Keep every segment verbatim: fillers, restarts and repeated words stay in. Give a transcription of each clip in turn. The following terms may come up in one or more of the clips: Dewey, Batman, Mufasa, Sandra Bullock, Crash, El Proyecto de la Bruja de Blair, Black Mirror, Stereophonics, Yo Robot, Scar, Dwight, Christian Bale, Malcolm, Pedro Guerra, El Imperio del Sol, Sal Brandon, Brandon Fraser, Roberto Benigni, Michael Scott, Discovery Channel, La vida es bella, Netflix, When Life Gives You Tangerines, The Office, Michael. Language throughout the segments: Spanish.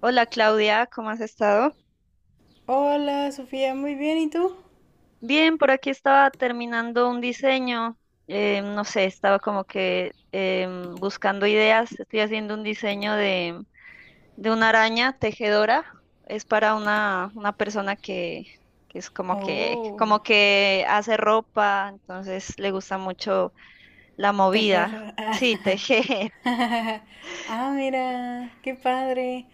Hola Claudia, ¿cómo has estado? Hola, Sofía, muy bien, ¿y tú? Bien, por aquí estaba terminando un diseño, eh, no sé, estaba como que em, buscando ideas, estoy haciendo un diseño de, de una araña tejedora, es para una, una persona que, que es como que, Oh, como que hace ropa, entonces le gusta mucho la movida, tejer. Ah, sí, tejer. ah, mira, qué padre.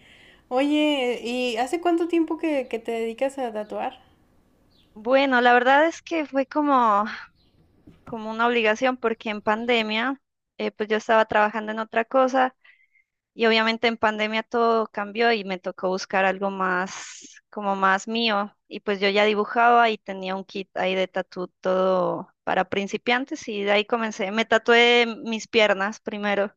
Oye, ¿y hace cuánto tiempo que, que te dedicas a tatuar? Bueno, la verdad es que fue como, como una obligación porque en pandemia, eh, pues yo estaba trabajando en otra cosa. Y obviamente en pandemia todo cambió y me tocó buscar algo más, como más mío. Y pues yo ya dibujaba y tenía un kit ahí de tatú todo para principiantes y de ahí comencé. Me tatué mis piernas primero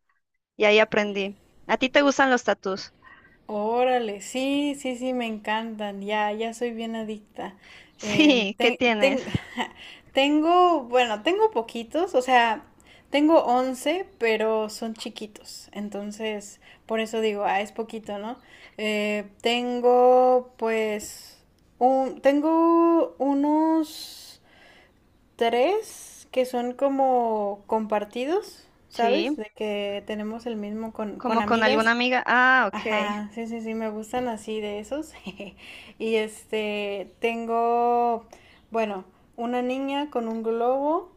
y ahí aprendí. ¿A ti te gustan los tatús? Órale, sí, sí, sí, me encantan, ya, ya soy bien adicta. Em, Sí, ¿qué ten- tienes? ten- Tengo, bueno, tengo poquitos, o sea, tengo once, pero son chiquitos, entonces, por eso digo, ah, es poquito, ¿no? Eh, tengo, pues, un, tengo unos tres que son como compartidos, ¿sabes? Sí, De que tenemos el mismo con, con como con alguna amigas. amiga. Ah, ok. Ajá, sí, sí, sí, me gustan así de esos. Y este, tengo, bueno, una niña con un globo,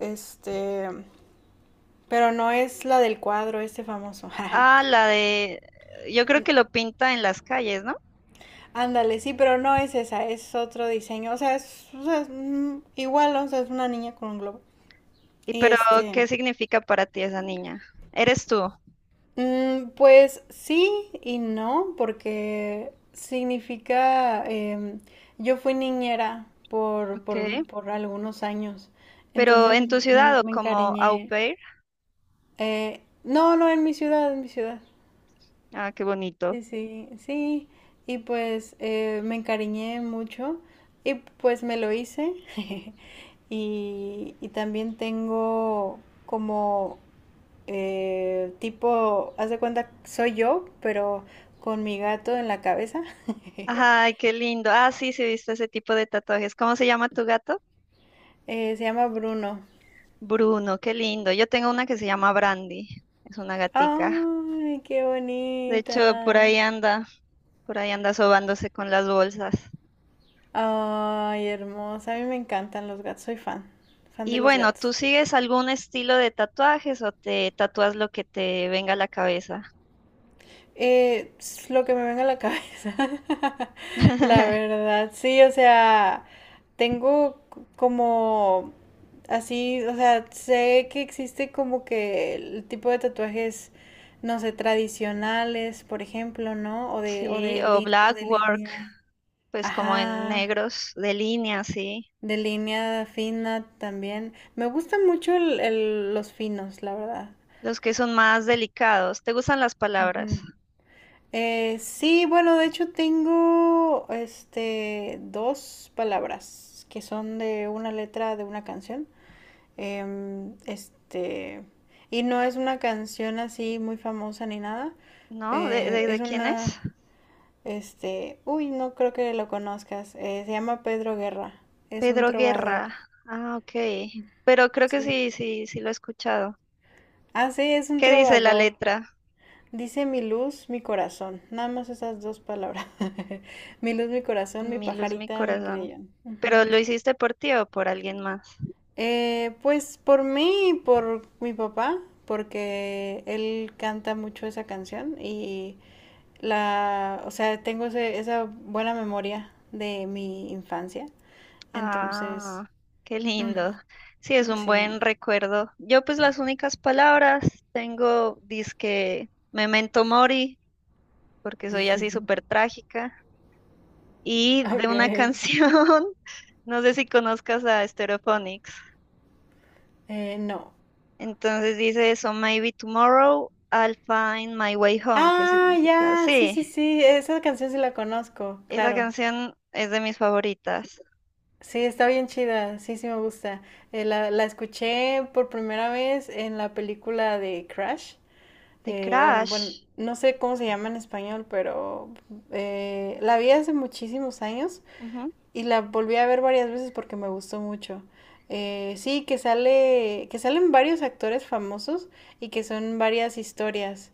este, pero no es la del cuadro, este famoso. Ah, la de, yo creo que lo pinta en las calles, ¿no? Ándale, sí, pero no es esa, es otro diseño. O sea, es, o sea, es, mm, igual, ¿no? O sea, es una niña con un globo. Y Y pero, este, ¿qué significa para ti esa niña? ¿Eres tú? Mm, pues sí y no, porque significa, em, yo fui niñera por, Ok. por, por algunos años, Pero entonces en tu me, ciudad o me como au encariñé. pair. Eh, no, no, en mi ciudad, en mi ciudad. Ah, qué bonito. Sí, sí, sí. Y pues eh, me encariñé mucho y pues me lo hice. Y, y también tengo como eh, tipo, haz de cuenta, soy yo, pero con mi gato en la cabeza. Ay, qué lindo. Ah, sí, sí, he visto ese tipo de tatuajes. ¿Cómo se llama tu gato? Eh, se llama Bruno. Bruno, qué lindo. Yo tengo una que se llama Brandy. Es una gatica. ¡Ay, qué De hecho, por bonita! ahí anda, por ahí anda sobándose con las bolsas. ¡Ay, hermosa! A mí me encantan los gatos, soy fan, fan de Y los bueno, ¿tú gatos. sigues algún estilo de tatuajes o te tatúas lo que te venga a la cabeza? Eh, es lo que me venga a la cabeza, la verdad, sí, o sea, tengo c- como así, o sea, sé que existe como que el tipo de tatuajes, no sé, tradicionales, por ejemplo, ¿no? O de, o Sí, de, o li- O black de work, línea, pues como en ajá, negros, de línea, sí. de línea fina también. Me gustan mucho el- el- los finos, la verdad. Los que son más delicados. ¿Te gustan las palabras? Ujú. Eh, sí, bueno, de hecho tengo este dos palabras que son de una letra de una canción. Em, este, y no es una canción así muy famosa ni nada. ¿No? ¿De, Eh, de, es de quién es? una, este, Uy, no creo que lo conozcas. Eh, se llama Pedro Guerra. Es un Pedro trovador. Guerra. Ah, ok. Pero creo que Sí. sí, sí, sí lo he escuchado. Ah, sí, es un ¿Qué dice la trovador. letra? Dice mi luz, mi corazón. Nada más esas dos palabras. Mi luz, mi corazón, mi Mi luz, mi pajarita, mi corazón. creyón. Ujú. ¿Pero lo hiciste por ti o por alguien más? Eh, pues por mí y por mi papá, porque él canta mucho esa canción y la, o sea, tengo ese- esa buena memoria de mi infancia. Entonces, Ah, qué lindo. mm, Sí, es un buen sí. recuerdo. Yo pues las únicas palabras tengo dizque Memento Mori, porque soy así súper trágica, y de Ok. una canción. No sé si conozcas a Stereophonics. Eh, no. Entonces dice eso, Maybe Tomorrow I'll Find My Way Home, que Ah, significa, ya, sí, sí, sí, sí, esa canción sí la conozco, esa claro. canción es de mis favoritas. Sí, está bien chida, sí, sí me gusta. Eh, la, la escuché por primera vez en la película de Crash, The eh, o, bueno, Crash. no sé cómo se llama en español, pero eh, la vi hace muchísimos años Ujú. y la volví a ver varias veces porque me gustó mucho. Eh, sí, que sale, que salen varios actores famosos y que son varias historias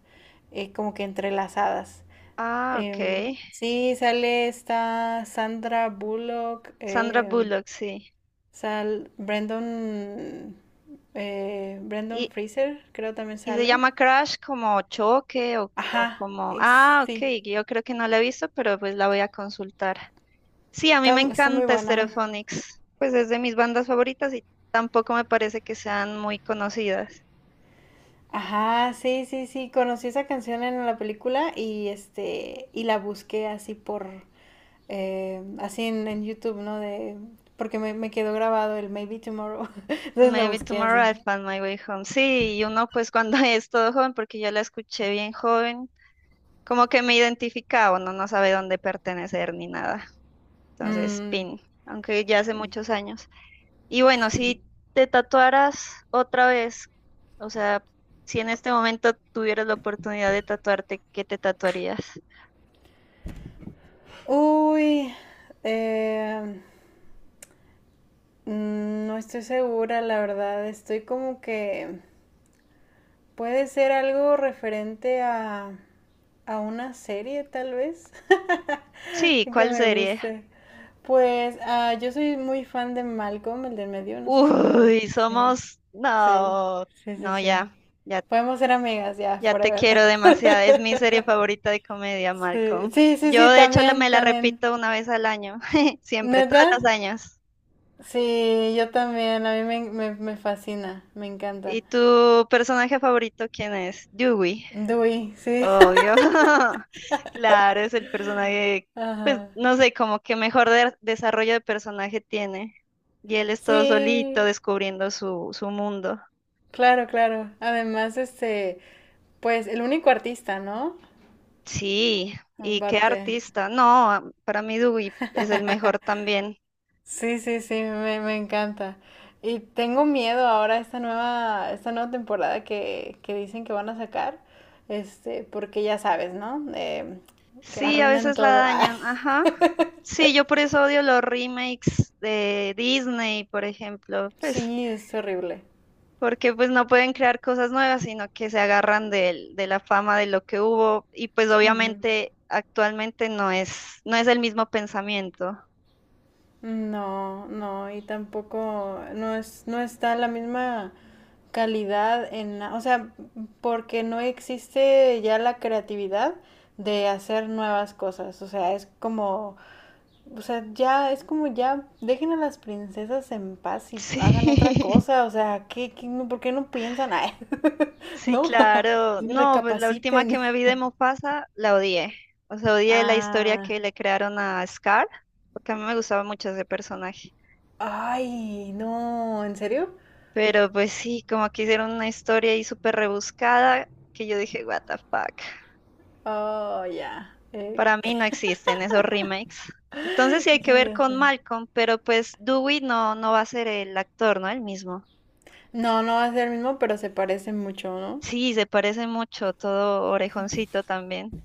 eh, como que entrelazadas. Ah, ok. Em, sí, sale esta Sandra Bullock. Sandra em, Bullock, sí. Sal Brandon, eh, Brandon Y, Fraser, creo también y se sale. llama Crash como choque o, o Ajá, como... ex- Ah, ok, sí, yo creo que no la he visto, pero pues la voy a consultar. Sí, a mí está, me está muy encanta buena. Stereophonics, pues es de mis bandas favoritas y tampoco me parece que sean muy conocidas. Ajá, sí, sí, sí, conocí esa canción en la película y este, y la busqué así por, eh, así en, en YouTube, ¿no? De, porque me, me quedó grabado el Maybe Tomorrow, entonces la Maybe busqué Tomorrow I'll así. Find My Way Home. Sí, y uno pues cuando es todo joven, porque yo la escuché bien joven, como que me identificaba, uno no sabe dónde pertenecer ni nada. Entonces, Mm, pin, aunque ya hace muchos años. Y bueno, si te tatuaras otra vez, o sea, si en este momento tuvieras la oportunidad de tatuarte, ¿qué te tatuarías? Uy, eh, mm, no estoy segura, la verdad. Estoy como que Puede ser algo referente a, a una serie, tal vez, Sí, que ¿cuál me serie? guste. Pues ah, yo soy muy fan de Malcolm, el del medio, no sé si lo... Uy, Sí, somos... sí, No, sí, sí, no, sí. ya, ya. Podemos ser amigas ya, Ya te forever. quiero demasiado. Es mi serie favorita de comedia, Sí, Malcolm. sí, sí, Yo, sí, de hecho, la, también, me la también. repito una vez al año. Siempre, ¿Neta? todos los años. Sí, yo también, a mí me, me, me fascina, me encanta. ¿Y tu personaje favorito quién es? Dewey. Dewey, sí. Obvio. Claro, es el personaje, pues Ajá. no sé, como que mejor de- desarrollo de personaje tiene. Y él es todo solito Sí, descubriendo su, su mundo. claro, claro. Además, este, pues el único artista, ¿no? Sí, y qué Aparte. artista. No, a- para mí Dewey es el mejor también. Sí, sí, sí, me, me encanta. Y tengo miedo ahora a esta nueva, esta nueva temporada que, que dicen que van a sacar, este, porque ya sabes, ¿no? Eh, que Sí, a arruinan veces la todo. dañan, ajá. Sí, yo por eso odio los remakes de Disney, por ejemplo, pues Sí, es horrible. porque pues no pueden crear cosas nuevas, sino que se agarran del- de, la fama de lo que hubo y pues Ujú. obviamente actualmente no es no es el mismo pensamiento. No, no, y tampoco, no es, no está la misma calidad en, o sea, porque no existe ya la creatividad de hacer nuevas cosas, o sea, es como, o sea, ya es como ya dejen a las princesas en paz y hagan otra Sí. cosa, o sea, ¿qué, qué- no- por qué no piensan? Ay, Sí, ¿no? claro. Sí, No, pues la última que recapaciten. me vi de Mufasa la odié. O sea, odié la historia Ah, que le crearon a Scar, porque a mí me gustaba mucho ese personaje. ay, no, ¿en serio? Pero pues sí, como que hicieron una historia ahí súper rebuscada que yo dije, what the fuck. Oh, ya. Eh, Para mí no ¿qué- existen esos remakes. Entonces sí hay que qué ver ya con sé? Malcolm, pero pues Dewey no, no va a ser el actor, ¿no? El mismo. No, no va a ser el mismo, pero se parece mucho, ¿no? Sí, se parece mucho, todo orejoncito también.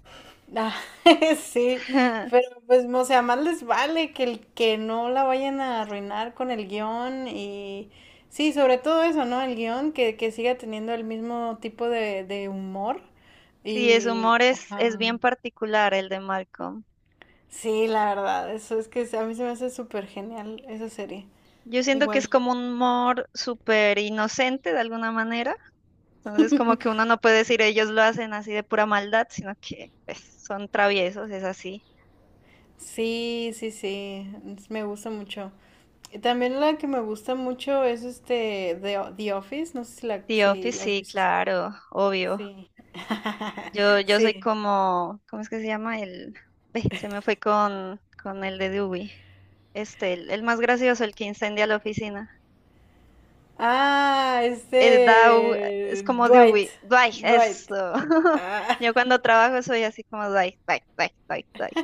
Ah, sí, pero pues, o sea, más les vale que el que no la vayan a arruinar con el guión y sí, sobre todo eso, ¿no? El guión que, que siga teniendo el mismo tipo de, de humor Sí, su y, humor es, ajá, es bien particular el de Malcolm. sí, la verdad, eso es que a mí se me hace súper genial esa serie, Yo siento que es igual. como un humor súper inocente de alguna manera. Entonces, como que uno no puede decir ellos lo hacen así de pura maldad, sino que pues, son traviesos, es así. Sí, sí, sí, es- me gusta mucho. Y también la que me gusta mucho es este The, The Office, no sé si la, The si Office, la has sí, visto. claro, obvio. Sí. Yo, yo soy Sí. como, ¿cómo es que se llama? El, ve, se me fue con, con el de Dewey. Este, el, el más gracioso, el que incendia la oficina. Ah, Es Dow, es este como Dwight. Dewey. Dwight, Dwight. eso. Ah, Yo cuando trabajo soy así como Dwight, Dwight, Dwight, Dwight, Dwight.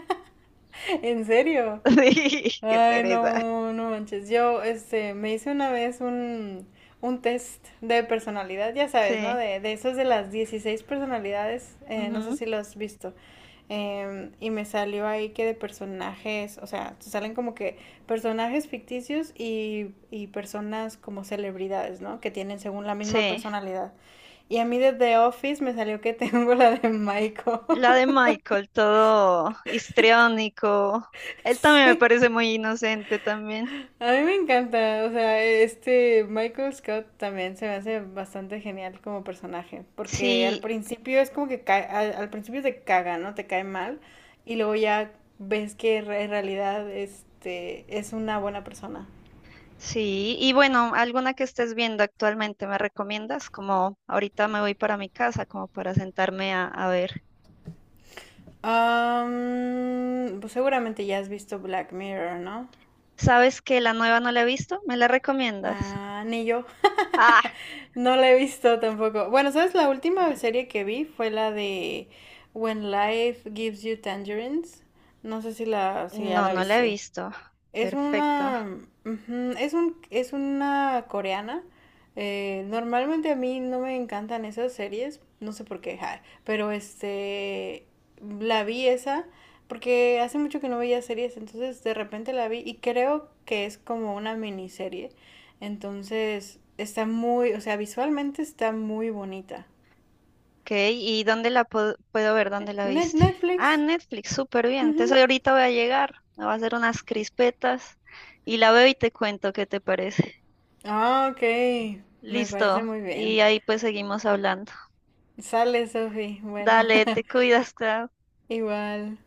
¿en serio? Sí, qué Ay, pereza. no, no manches. Yo, este, me hice una vez un, un, test de personalidad, ya sabes, ¿no? Sí, De, de esos de las dieciséis personalidades. Eh, no sé ujú, si lo has visto. Em, y me salió ahí que de personajes, o sea, te salen como que personajes ficticios y, y personas como celebridades, ¿no? Que tienen según la misma sí. personalidad. Y a mí de The Office me salió que tengo la de Michael. La de Michael, todo histriónico. Él también me Sí. parece muy inocente también. A mí me encanta, o sea, este Michael Scott también se me hace bastante genial como personaje, porque al Sí, principio es como que cae- al, al principio te caga, ¿no? Te cae mal y luego ya ves que re- en realidad este es una buena persona. sí. Y bueno, ¿alguna que estés viendo actualmente me recomiendas? Como ahorita me voy para mi casa, como para sentarme a, a ver. Am, pues seguramente ya has visto Black Mirror, ¿no? ¿Sabes que la nueva no la he visto? ¿Me la recomiendas? Ah, ni yo. Ah, No la he visto tampoco. Bueno, ¿sabes? La última serie que vi fue la de When Life Gives You Tangerines. No sé si la, si ya no, la no la he viste. visto. Es Perfecto. una, Ujú, es un, es una coreana. Eh, normalmente a mí no me encantan esas series, no sé por qué, ja, pero este, la vi esa porque hace mucho que no veía series, entonces de repente la vi y creo que es como una miniserie. Entonces está muy, o sea, visualmente está muy bonita. Ok, ¿y dónde la po- puedo ver? ¿Dónde la Net- viste? Netflix. Ah, en Netflix, súper bien. Entonces Ujú. ahorita voy a llegar, me voy a hacer unas crispetas y la veo y te cuento qué te parece. Ah, ok, me parece Listo, muy y bien. ahí pues seguimos hablando. Sale, Sophie. Bueno. Dale, te cuidas, Clau. Igual.